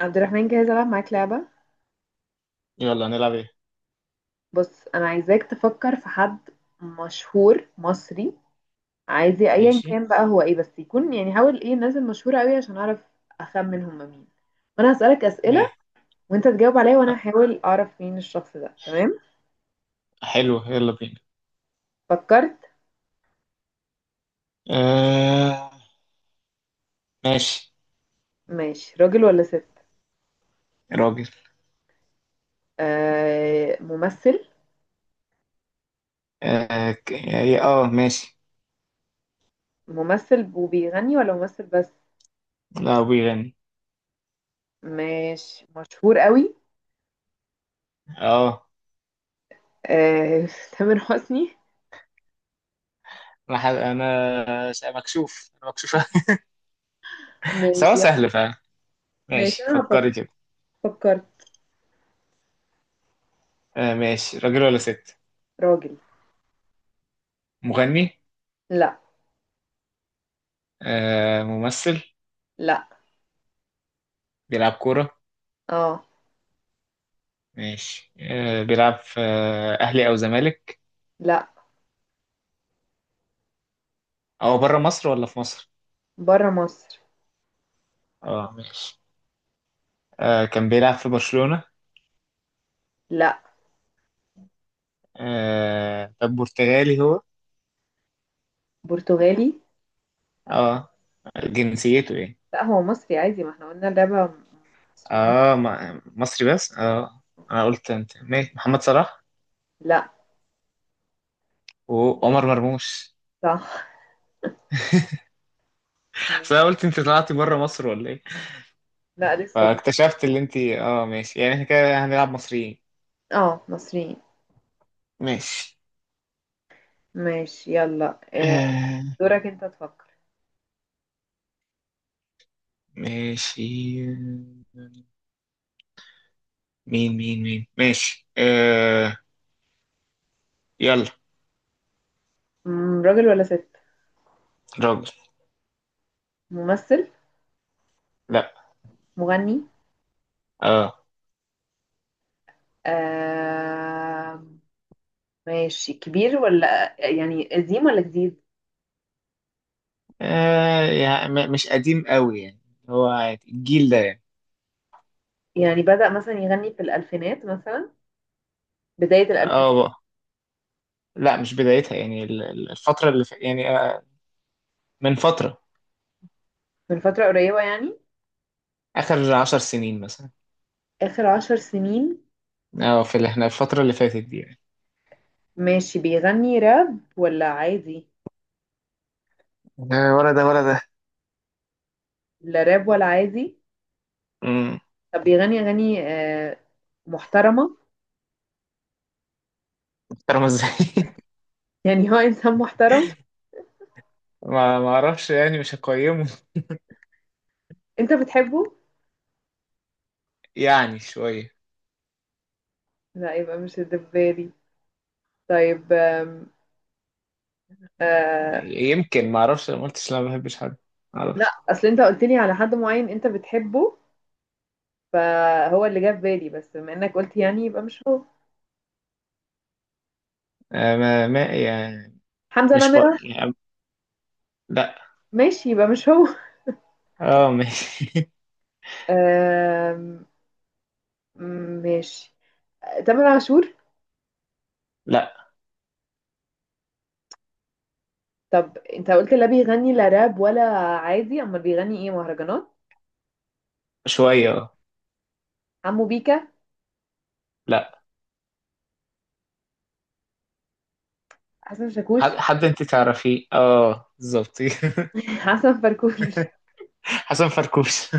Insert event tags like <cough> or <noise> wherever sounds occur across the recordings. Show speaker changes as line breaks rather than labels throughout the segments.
عبد الرحمن، جاهز ألعب معاك لعبة.
يلا، نلعب ايه؟
بص أنا عايزاك تفكر في حد مشهور مصري. عايزة أيا
ماشي.
كان بقى هو إيه بس يكون، يعني حاول إيه الناس المشهورة أوي عشان أعرف أخمن هما مين، وأنا هسألك أسئلة
ليه؟
وأنت تجاوب عليا
أ-
وأنا هحاول أعرف مين الشخص ده. تمام؟
حلو، يلا بينا.
فكرت.
آه، ماشي.
ماشي، راجل ولا ست؟
يا راجل.
آه ممثل.
إيه، ماشي.
ممثل وبيغني ولا ممثل بس؟
لا، هو بيغني.
ماشي. مشهور أوي؟
اه،
آه <laughs> تامر حسني.
انا ح- انا س- مكشوف، انا مكشوف. <laughs> سواء
ماشي يلا.
سهل فعلا.
ماشي
ماشي،
أنا هفكر.
فكري كده.
فكرت.
آه، ماشي، راجل ولا ست؟
راجل.
مغني؟
لا.
آه، ممثل؟
لا.
بيلعب كورة؟
اه.
ماشي، آه بيلعب في اهلي او زمالك؟
لا.
او بره مصر ولا في مصر؟
بره مصر.
اه، ماشي. آه، كان بيلعب في برشلونة؟
لا.
آه، طب برتغالي هو؟
برتغالي.
اه. جنسيته ايه؟
لا هو مصري عادي، ما احنا قلنا اللعبة مصريين.
اه، مصري بس اه انا قلت انت ماشي محمد صلاح
لا.
وعمر مرموش،
صح.
بس انا قلت انت طلعتي بره مصر ولا ايه.
لا لسه.
فاكتشفت اللي انت، اه، ماشي يعني، احنا كده هنلعب مصريين.
اه مصريين.
ماشي.
ماشي يلا. آه،
آه.
دورك انت تفكر.
ماشي، مين مين مين، ماشي، آه، يلا.
راجل ولا ست؟
راجل.
ممثل.
لا.
مغني.
اه.
آه ماشي، كبير ولا يعني قديم ولا جديد؟
آه. يعني مش قديم قوي يعني. هو عادي الجيل ده يعني.
يعني بدأ مثلا يغني في الألفينات مثلا، بداية الألفينات؟
اه. لا، مش بدايتها يعني، الفترة اللي يعني من فترة.
من فترة قريبة يعني،
آخر 10 سنين مثلا.
آخر 10 سنين.
اه، في اللي احنا الفترة اللي فاتت دي يعني.
ماشي. بيغني راب ولا عادي؟
لا، ولا ده ولا ده.
لا راب ولا عادي.
امم
طب بيغني أغاني محترمة؟
محترمة ازاي؟ <laughs>
يعني هو إنسان محترم.
ما اعرفش يعني، مش هقيمه.
أنت بتحبه؟
يعني شوية.
لا يبقى مش الدبالي. طيب آه.
يمكن، ما اعرفش، ما قلتش لا ما بحبش حد. ما
لا
اعرفش.
أصل أنت قلت لي على حد معين أنت بتحبه، فهو اللي جه في بالي، بس بما إنك قلت يعني يبقى مش هو.
آه، ما يعني،
حمزة
مش
نمرة.
يعني. لا.
ماشي يبقى مش هو <laughs>
اه، ماشي.
آم، ماشي. تامر عاشور.
<laughs> لا.
طب انت قلت لا بيغني لا راب ولا عادي، امال بيغني ايه، مهرجانات؟
شوية، اه.
عمو بيكا.
لا.
حسن شاكوش
حد
<laughs>
حد انت تعرفيه، اه، بالظبط. <laughs>
حسن فركوش.
حسن فركوش.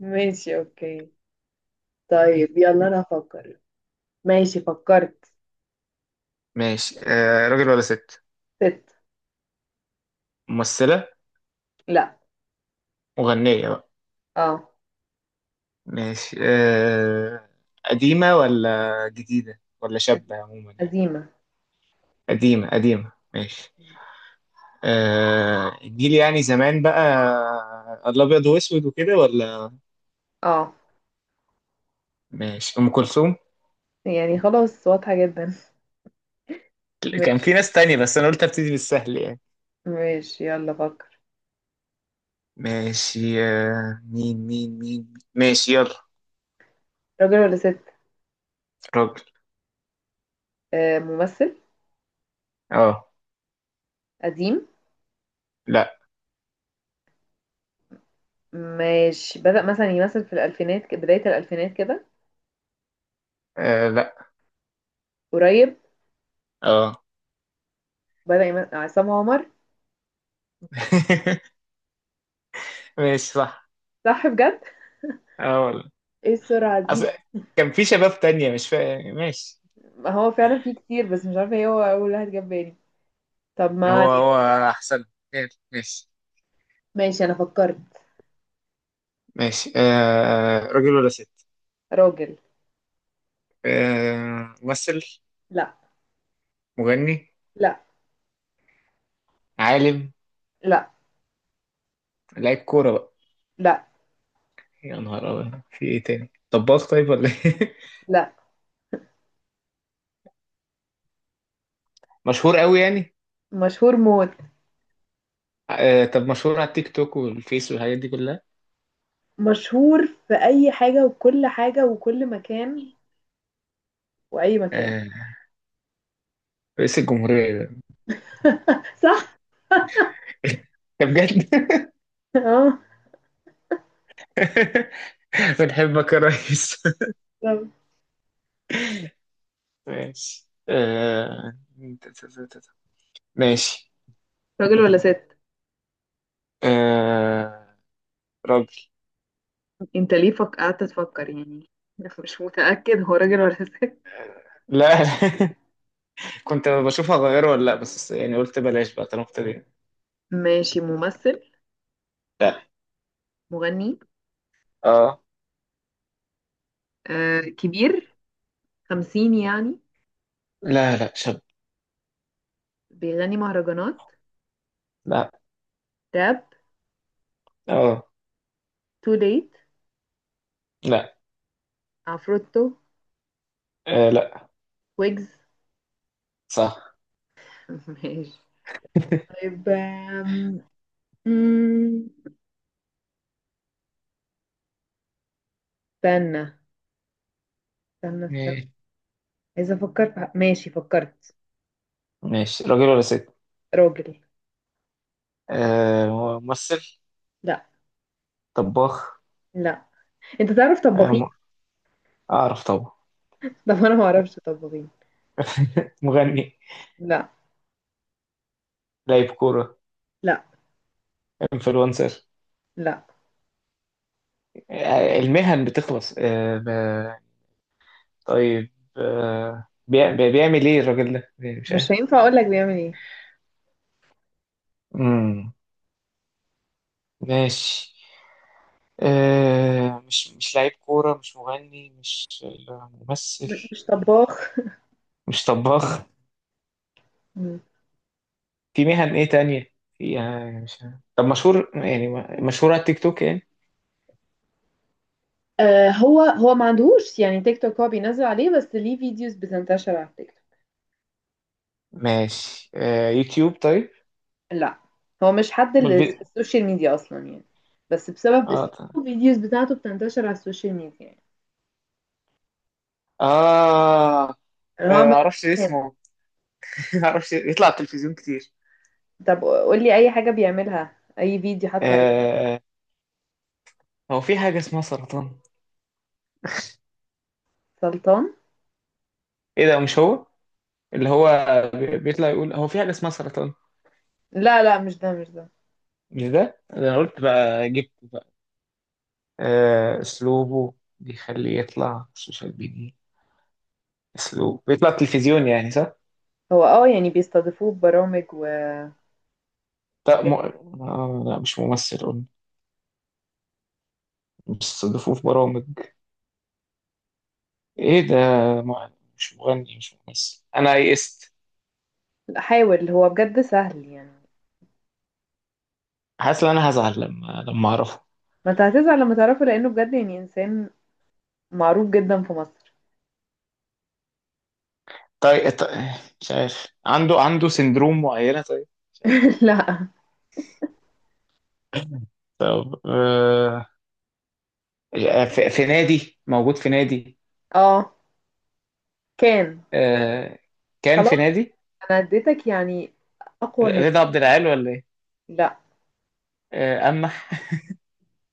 ماشي اوكي. طيب يلا انا افكر. ماشي فكرت.
ماشي، آه، راجل ولا ست؟
ست.
ممثلة؟
لا.
مغنية بقى؟
اه.
ماشي، آه، قديمة ولا جديدة ولا شابة عموما يعني؟
عزيمة.
قديمة قديمة، ماشي. آه، الجيل يعني زمان بقى، الأبيض وأسود وكده، ولا؟
اه
ماشي. أم كلثوم.
يعني خلاص واضحة جدا.
كان
ماشي.
في ناس تانية، بس أنا قلت أبتدي بالسهل يعني.
ماشي يلا فكر.
ماشي، آه، مين مين مين، ماشي، يلا.
راجل ولا ست؟
راجل.
آه ممثل.
اه.
قديم.
لا.
ماشي بدأ مثلا يمثل في الألفينات، بداية الألفينات كده؟
آه، لا.
قريب.
اه.
بدأ يمثل. عصام عمر.
<laughs> ماشي، صح.
صح بجد؟
اه والله.
ايه السرعة دي
أصل
<laughs>
كان في شباب تانية، مش فاهم، ماشي.
ما هو فعلا فيه كتير بس مش عارفة ايه هو أول واحد جاب بالي. طب ما
هو
علينا.
هو احسن. ماشي، ماشي.
ماشي انا فكرت.
ماشي، آه، راجل ولا ست؟
راجل.
آه، ممثل؟
لا.
مغني؟
لا.
عالم؟
لا.
لعيب كورة بقى؟
لا.
يا نهار أبيض، في ايه تاني، طباخ طيب ولا ايه؟ <laughs>
لا.
مشهور قوي يعني؟
مشهور موت.
آه، طب مشهور على التيك توك والفيس والحاجات دي كلها؟
مشهور في اي حاجة وكل حاجة وكل مكان، واي مكان.
آه، رئيس الجمهورية ده. <laughs>
<laughs> صح.
ده بجد. <laughs>
اه.
بنحبك يا ريس.
طب.
<laughs> ماشي، آه. ماشي.
راجل ولا ست؟
آه. راجل.
انت ليه قعدت تفكر يعني؟ <laughs> مش متأكد هو راجل ولا ست.
لا. <laughs> كنت بشوف هغيره ولا لا، بس يعني قلت بلاش بقى طالما ابتدينا.
ماشي. ممثل.
لا.
مغني.
اه.
آه كبير؟ 50 يعني؟
لا لا، شاب.
بيغني مهرجانات؟
لا.
راب.
اه.
تو ليت.
لا.
عفروتو.
آه، لا.
ويجز
صح.
<laughs> ماشي. طيب مم، استنى. استنى استنى.
ماشي.
عايزة أفكر في ماشي فكرت.
ماشي، راجل ولا ست؟
راجل.
آه، ممثل؟
لا.
طباخ؟
لا. أنت تعرف
آه،
طباخين؟
اعرف طبعا.
<laughs> طب أنا ما أعرفش طباخين.
مغني؟
لا.
لاعب كورة؟
لا.
انفلونسر؟
لا.
آه، المهن بتخلص، طيب. آه، بيعمل ايه الراجل ده، مش عارف.
مش هينفع أقول لك بيعمل إيه.
امم ماشي. آه، مش لعيب كورة، مش مغني، مش ممثل،
مش طباخ.
مش طباخ.
مم.
في مهن ايه تانية فيها، مش عارف. طب، مشهور يعني؟ مشهور على التيك توك يعني؟
آه هو هو ما عندهوش يعني تيك توك، هو بينزل عليه بس ليه فيديوز بتنتشر على التيك توك.
ماشي، آه، يوتيوب طيب؟
لا، هو مش حد
امال
اللي في السوشيال ميديا أصلا يعني، بس بسبب
اه، طيب.
الفيديوز بتاعته بتنتشر على السوشيال ميديا يعني.
اه.
أنا هو
آه،
عمال.
معرفش اسمه. <laughs> معرفش يطلع على التلفزيون كتير.
طب قول لي اي حاجة بيعملها، اي فيديو حتى، اي.
آه، هو في حاجة اسمها سرطان.
سلطان.
ايه ده، مش هو؟ اللي هو، بيطلع يقول هو في حاجة اسمها سرطان.
لا لا مش ده، مش ده.
مش ده، ده انا قلت بقى جبت. آه، اسلوبه بيخليه يطلع سوشيال ميديا. اسلوب بيطلع تلفزيون يعني، صح؟
هو اه يعني بيستضيفوه ببرامج
لا،
وحاجات.
آه لا، مش ممثل قلنا، بيستضيفوه في برامج، ايه ده؟ م... مش مغني، مش ممثل، انا يئست.
لا، حاول، هو بجد سهل يعني.
حاسس ان انا هزعل لما اعرفه.
ما انت هتزعل لما تعرفه، لانه بجد يعني انسان معروف جدا في مصر.
طيب، مش عارف، عنده سندروم معينة طيب، مش عارف.
<laughs> لا.
طب، آه. آه، في نادي، موجود في نادي.
اه كان.
آه. كان في
خلاص
نادي.
انا اديتك يعني اقوى هنا.
رضا عبد العال ولا ايه؟
لا.
آه، اما.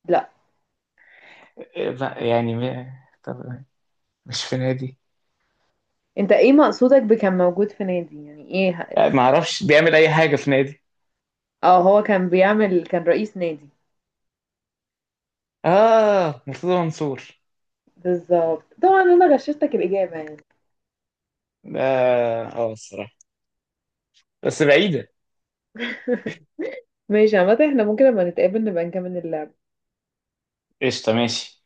لا.
إيه بقى يعني. طب، مش في نادي؟
انت ايه مقصودك بكان موجود في نادي، يعني ايه
آه، ما اعرفش بيعمل اي حاجه في نادي.
اه هو كان بيعمل، كان رئيس نادي.
اه، مرتضى منصور
بالظبط، طبعا انا غششتك الاجابة يعني.
ده. اه، الصراحه بس بعيده.
<laughs> ماشي عامة احنا ممكن لما نتقابل نبقى نكمل اللعب
قشطه، ماشي.